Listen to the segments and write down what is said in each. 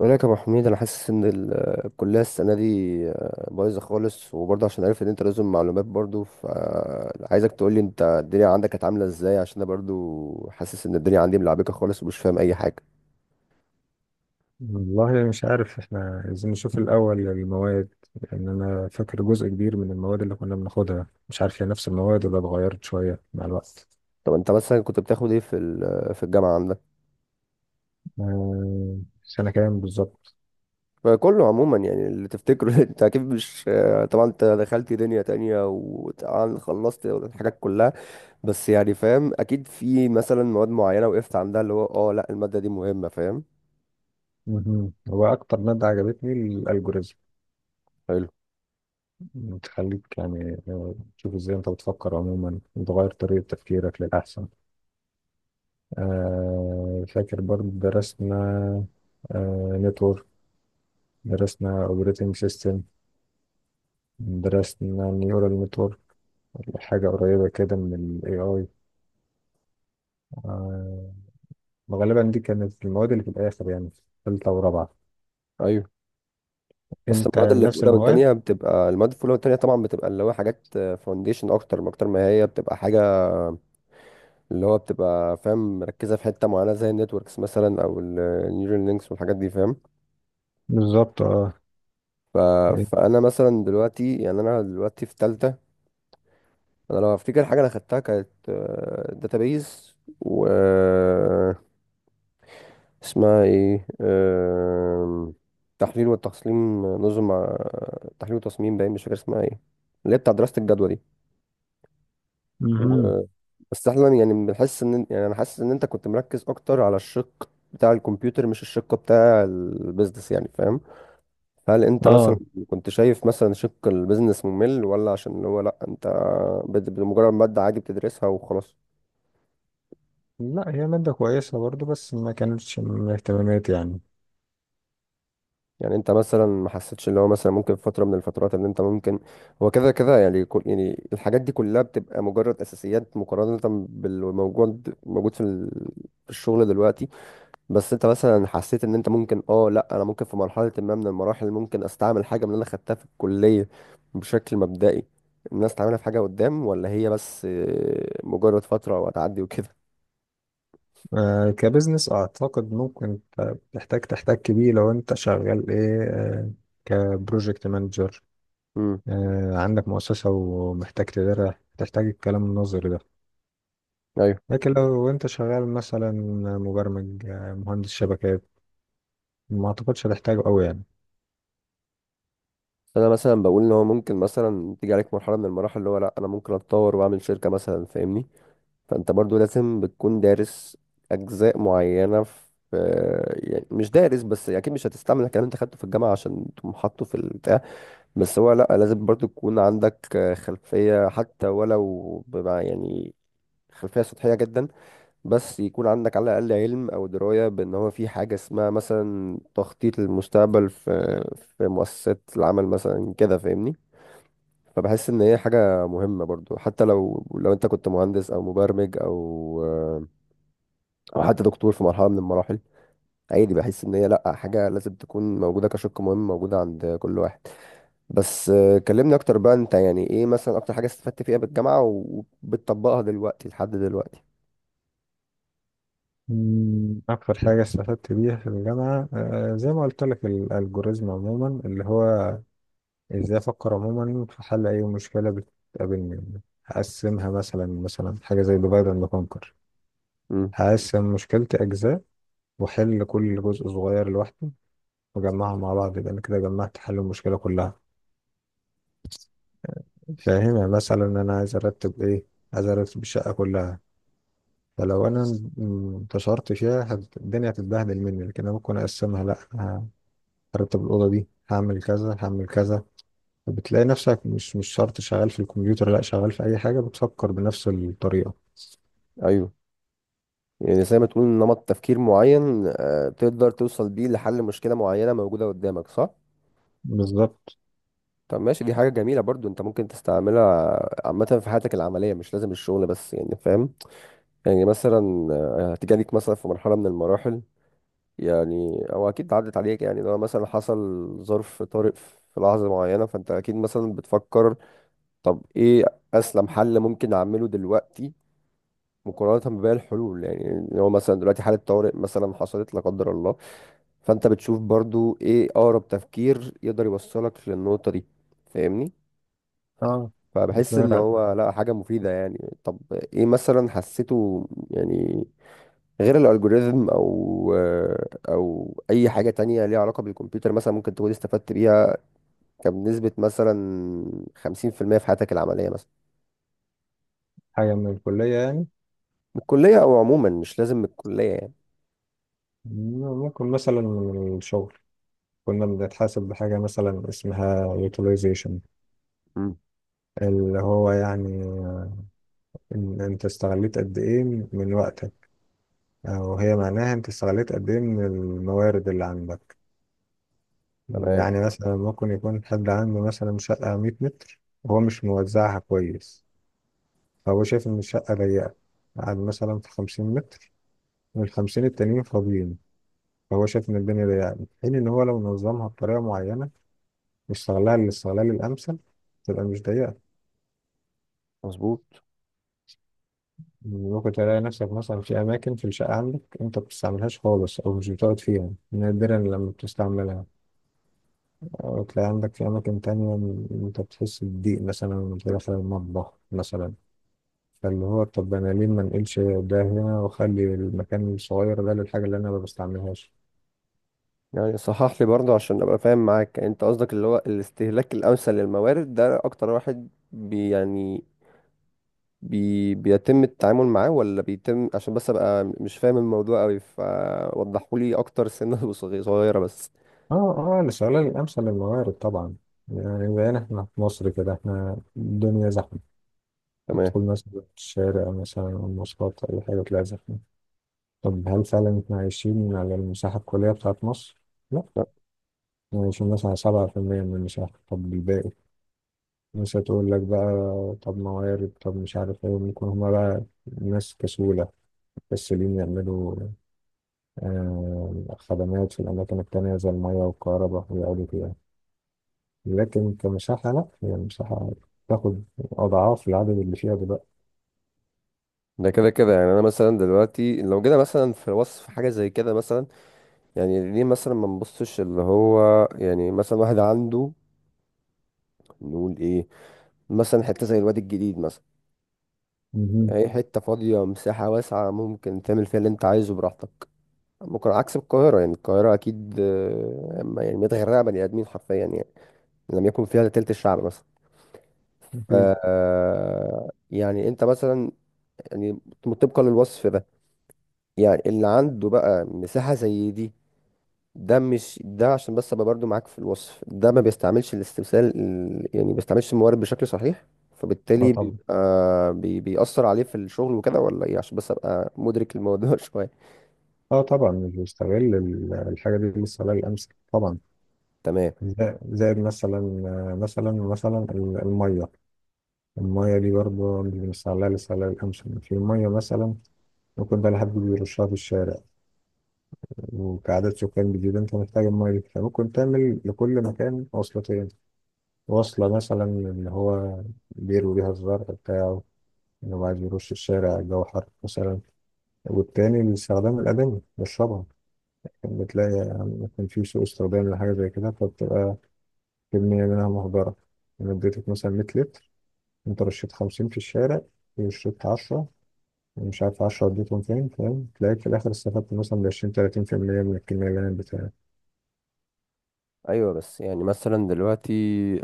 بقول لك يا ابو حميد، انا حاسس ان الكليه السنه دي بايظه خالص، وبرضه عشان عارف ان انت لازم معلومات برضه، فعايزك تقول لي انت الدنيا عندك كانت عامله ازاي، عشان انا برضه حاسس ان الدنيا عندي ملعبكه خالص ومش فاهم اي حاجه. والله مش عارف احنا عايزين نشوف الأول المواد. لأن أنا فاكر جزء كبير من المواد اللي كنا بناخدها، مش عارف هي نفس المواد ولا اتغيرت شوية مع الوقت. طب انت مثلا كنت بتاخد ايه في الجامعه عندك؟ آه، سنة كام بالظبط؟ فكله عموما يعني اللي تفتكره. انت اكيد مش، طبعا انت دخلت دنيا تانية وطبعا خلصت الحاجات كلها. بس يعني فاهم، اكيد في مثلا مواد معينه وقفت عندها، اللي هو اه لا الماده دي مهمه، فاهم؟ مهم. هو أكتر مادة عجبتني الألجوريزم، بتخليك يعني تشوف إزاي أنت بتفكر عموما وتغير طريقة تفكيرك للأحسن. فاكر برضه درسنا نتورك، درسنا اوبريتنج سيستم، درسنا نيورال نتورك، حاجة قريبة كده من ال AI. آه، غالبا دي كانت المواد اللي في الآخر، يعني في تالتة ورابعة. حلو. بس أنت المواد اللي في نفس اولى المواد؟ وثانيه بتبقى، المواد في اولى وثانيه طبعا بتبقى اللي هو حاجات فاونديشن، اكتر ما هي بتبقى حاجه، اللي هو بتبقى فاهم مركزه في حته معينه زي النتوركس مثلا او النيورال لينكس والحاجات دي، فاهم؟ بالظبط اه. ف... فانا مثلا دلوقتي، يعني انا دلوقتي في ثالثه. انا لو افتكر حاجه انا خدتها كانت داتابيز، و اسمها ايه، تحليل وتصميم نظم، تحليل وتصميم، باين مش فاكر اسمها ايه، اللي هي بتاع دراسه الجدوى دي. مهم. بس احنا يعني بنحس ان، يعني انا حاسس ان انت كنت مركز اكتر على الشق بتاع الكمبيوتر مش الشق بتاع البيزنس، يعني فاهم؟ هل انت مثلا اه كنت شايف مثلا شق البيزنس ممل، ولا عشان هو لا انت بمجرد مادة عادي بتدرسها وخلاص؟ لا هي مادة كويسة برضو بس ما كانتش من اهتماماتي يعني. يعني انت مثلا ما حسيتش اللي هو، مثلا ممكن في فترة من الفترات اللي انت ممكن، هو كده كده يعني كل، يعني الحاجات دي كلها بتبقى مجرد اساسيات مقارنة بالموجود في الشغل دلوقتي. بس انت مثلا حسيت ان انت ممكن، اه لا انا ممكن في مرحلة ما من المراحل ممكن استعمل حاجة من اللي انا خدتها في الكلية بشكل مبدئي، الناس تعملها في حاجة قدام، ولا هي بس مجرد فترة وهتعدي وكده؟ آه كبزنس أعتقد ممكن تحتاج تحتك بيه لو أنت شغال إيه، كبروجكت مانجر. امم، آه عندك مؤسسة ومحتاج تديرها، تحتاج الكلام النظري ده. ايوه. لكن لو انت شغال مثلا مبرمج، مهندس شبكات، ما اعتقدش هتحتاجه قوي يعني. انا مثلا بقول ان هو ممكن مثلا تيجي عليك مرحلة من المراحل اللي هو لا انا ممكن اتطور واعمل شركة مثلا، فاهمني؟ فانت برضو لازم بتكون دارس اجزاء معينة في، يعني مش دارس بس، اكيد مش هتستعمل الكلام اللي انت خدته في الجامعة عشان تقوم حاطه في البتاع، بس هو لأ، لازم برضو تكون عندك خلفية، حتى ولو بمع يعني، خلفية سطحية جدا، بس يكون عندك على الأقل علم أو دراية بأن هو في حاجة اسمها مثلا تخطيط للمستقبل في مؤسسات العمل مثلا كده، فاهمني؟ فبحس إن هي حاجة مهمة برضو، حتى لو أنت كنت مهندس أو مبرمج أو آه، أو حتى دكتور في مرحلة من المراحل، عادي. بحس إن هي لأ، حاجة لازم تكون موجودة كشق مهم، موجودة عند كل واحد. بس كلمني اكتر بقى، انت يعني ايه مثلا اكتر حاجة استفدت فيها بالجامعة وبتطبقها دلوقتي لحد دلوقتي؟ اكتر حاجه استفدت بيها في الجامعه، زي ما قلت لك الالجوريزم عموما، اللي هو ازاي افكر عموما في حل اي مشكله بتقابلني. هقسمها مثلا حاجه زي ديفايد اند كونكر. امم، هقسم مشكلتي اجزاء، واحل كل جزء صغير لوحده، واجمعهم مع بعض، يبقى انا كده جمعت حل المشكله كلها. فاهم يعني مثلا انا عايز ارتب ايه، عايز ارتب الشقه كلها. فلو انا انتشرت فيها الدنيا هتتبهدل مني، لكن انا ممكن اقسمها، لا ه- هرتب الاوضه دي، هعمل كذا هعمل كذا. فبتلاقي نفسك مش شرط شغال في الكمبيوتر، لا شغال في اي حاجه بتفكر بنفس الطريقه. ايوه. يعني زي ما تقول نمط تفكير معين، تقدر توصل بيه لحل مشكلة معينة موجودة قدامك، صح؟ بالظبط طب ماشي، دي حاجة جميلة برضو انت ممكن تستعملها عامة في حياتك العملية، مش لازم الشغل بس، يعني فاهم. يعني مثلا هتيجي ليك مثلا في مرحلة من المراحل، يعني او اكيد عدت عليك، يعني لو مثلا حصل ظرف طارئ في لحظة معينة، فانت اكيد مثلا بتفكر طب ايه اسلم حل ممكن اعمله دلوقتي مقارنة بباقي الحلول، يعني اللي هو مثلا دلوقتي حالة طوارئ مثلا حصلت لا قدر الله، فانت بتشوف برضو ايه اقرب تفكير يقدر يوصلك للنقطة دي، فاهمني؟ اه. فبحس ان بنقرا. هو لا، حاجة مفيدة يعني. طب ايه مثلا حسيته يعني، غير الالجوريزم او اي حاجة تانية ليها علاقة بالكمبيوتر مثلا ممكن تكون استفدت بيها، كان بنسبة مثلا 50% في المية في حياتك العملية مثلا؟ حاجه من الكليه يعني؟ من الكلية او عموما، مش لازم من الكلية يعني. ممكن مثلا من الشغل، كنا بنتحاسب بحاجه مثلا اسمها utilization، مم. اللي هو يعني إن انت استغليت قد ايه من وقتك. وهي معناها انت استغليت قد ايه من الموارد اللي عندك. تمام. يعني مثلا ممكن يكون حد عنده مثلا شقة 100 متر وهو مش موزعها كويس، فهو شايف ان الشقة ضيقة، قاعد مثلا في 50 متر والخمسين التانيين فاضيين، فهو شايف ان الدنيا ضيقة، في حين ان هو لو نظمها بطريقة معينة واستغلها للاستغلال الأمثل، تبقى مش ضيقة. مظبوط. ممكن تلاقي نفسك مثلا في أماكن في الشقة عندك أنت ما بتستعملهاش خالص، أو مش بتقعد فيها، نادرا لما بتستعملها. أو تلاقي عندك في أماكن تانية إن أنت بتحس بضيق مثلا وأنت داخل المطبخ مثلا. فاللي هو طب أنا ليه ما نقلش ده هنا وأخلي المكان الصغير ده للحاجة اللي أنا ما بستعملهاش. يعني صحح لي برضه عشان ابقى فاهم معاك، يعني انت قصدك اللي هو الاستهلاك الامثل للموارد ده اكتر واحد بي يعني بي بيتم التعامل معاه، ولا بيتم، عشان بس ابقى مش فاهم الموضوع قوي، فوضحوا لي اكتر سنة وصغي- صغيرة بس. آه. آه الاستغلال الأمثل للموارد طبعا. يعني بقينا إحنا في مصر كده، إحنا الدنيا زحمة، تمام. تدخل مثلا الشارع مثلا أو المواصلات أو أي حاجة تلاقي زحمة. طب هل فعلا إحنا عايشين على المساحة الكلية بتاعت مصر؟ لا. لا، إحنا عايشين مثلا على 7% من المساحة. طب الباقي مش هتقول لك بقى. طب موارد، طب مش عارف ايه، ممكن هما بقى ناس كسولة، كسولين يعملوا خدمات في الأماكن التانية زي المية والكهرباء ويقعدوا فيها. لكن كمساحة لأ، هي المساحة تاخد أضعاف العدد اللي فيها دلوقتي. ده كده كده يعني انا مثلا دلوقتي لو جينا مثلا في وصف حاجة زي كده مثلا، يعني ليه مثلا ما نبصش اللي هو، يعني مثلا واحد عنده، نقول ايه، مثلا حتة زي الواد الجديد، مهم. اي حتة فاضية مساحة واسعة ممكن تعمل فيها اللي انت عايزه براحتك، ممكن عكس القاهرة، يعني القاهرة اكيد أما يعني متغرقة بني ادمين حرفيا يعني، لم يكن فيها إلا تلت الشعب مثلا. ف أكيد. يعني انت مثلا، يعني طبقا للوصف ده، يعني اللي عنده بقى مساحة زي دي، ده مش ده عشان بس ابقى برضو معاك في الوصف ده، ما بيستعملش يعني ما بيستعملش الموارد بشكل صحيح، أه فبالتالي طبعا. بيبقى بيأثر عليه في الشغل وكده، ولا ايه؟ عشان بس ابقى مدرك الموضوع شوية. أه طبعا مش بيستغل الحاجة دي للسبيل الأمثل طبعا. تمام. زائد زائد مثلا، مثلا المية. المية دي برضه مش بنستغلها للسبيل الأمثل في مية مثلا. ممكن بقى لحد بيرشها في الشارع، وكعدد سكان جديد انت محتاج المية دي، فممكن تعمل لكل مكان وصلتين. وصلة مثلا اللي هو بيروي بيها الزرع بتاعه، اللي هو عايز يرش الشارع الجو حر مثلا، والتاني الاستخدام الأدمي يشربها. بتلاقي ممكن في سوء استخدام لحاجة زي كده، فبتبقى كمية منها مهدرة. أنا اديتك مثلا 100 لتر، أنت رشيت 50 في الشارع، وشربت 10، ومش عارف 10 اديتهم فين، فاهم؟ تلاقيك في الآخر استفدت مثلا ب 20 30% من الكمية اللي أنا اديتها. ايوه. بس يعني مثلا دلوقتي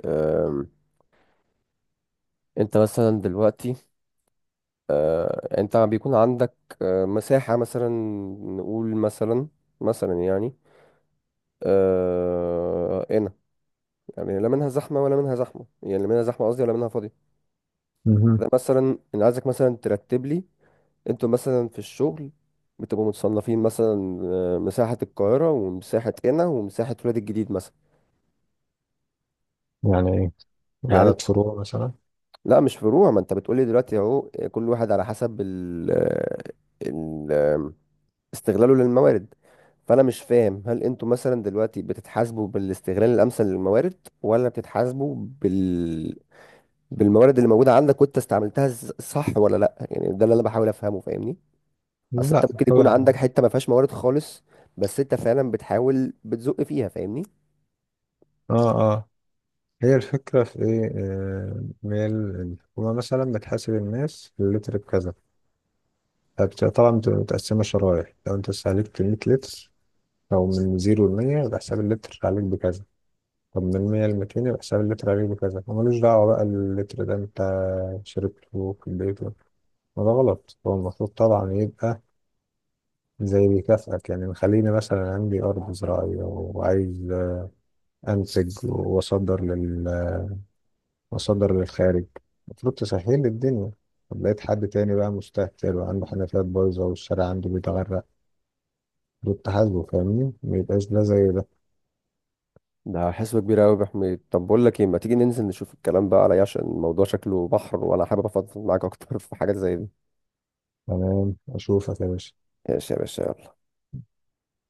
آم، انت مثلا دلوقتي، انت بيكون عندك مساحة مثلا، نقول مثلا يعني هنا، يعني لا منها زحمة ولا منها زحمة، يعني لا منها زحمة قصدي ولا منها فاضية. مهم. ده مثلا انا عايزك مثلا ترتب لي، انتوا مثلا في الشغل بتبقوا متصنفين مثلا مساحة القاهرة ومساحة هنا ومساحة ولاد الجديد مثلا. يعني ايه، يعني عدد فروع مثلا؟ لا مش فروع، ما انت بتقولي دلوقتي اهو كل واحد على حسب ال آه، ال آه، استغلاله للموارد. فانا مش فاهم، هل انتوا مثلا دلوقتي بتتحاسبوا بالاستغلال الامثل للموارد، ولا بتتحاسبوا بال بالموارد اللي موجوده عندك وانت استعملتها، صح ولا لا؟ يعني ده اللي انا بحاول افهمه، فاهمني؟ اصل انت لا ممكن يكون عندك طبعا. حته ما فيهاش موارد خالص، بس انت فعلا بتحاول بتزق فيها، فاهمني؟ اه اه. هي الفكرة في ايه، هي الحكومة مثلا بتحاسب الناس اللتر بكذا. طبعا بتبقى متقسمة شرايح، لو انت استهلكت 100 لتر او من زيرو لمية يبقى حساب اللتر عليك بكذا. طب من 100 ل 200 يبقى حساب اللتر عليك بكذا. وملوش دعوة بقى اللتر ده انت شربته في البيت. ما ده غلط. هو المفروض طبعا يبقى زي بيكافئك، يعني خليني مثلا عندي أرض زراعية وعايز انتج واصدر للخارج، المفروض تسهل لي الدنيا. طب لقيت حد تاني بقى مستهتر وعنده حنفيات بايظه والشارع عنده بيتغرق، دول تحاسبه. فاهمني؟ ما يبقاش ده زي ده. ده حسبة كبيرة أوي يا أبو حميد، طب بقول لك إيه، ما تيجي ننزل نشوف الكلام بقى عليا، عشان الموضوع شكله بحر وأنا حابب أفضفض معاك أكتر في حاجات زي دي. تمام، اشوفك يا باشا. ماشي يا باشا، يلا.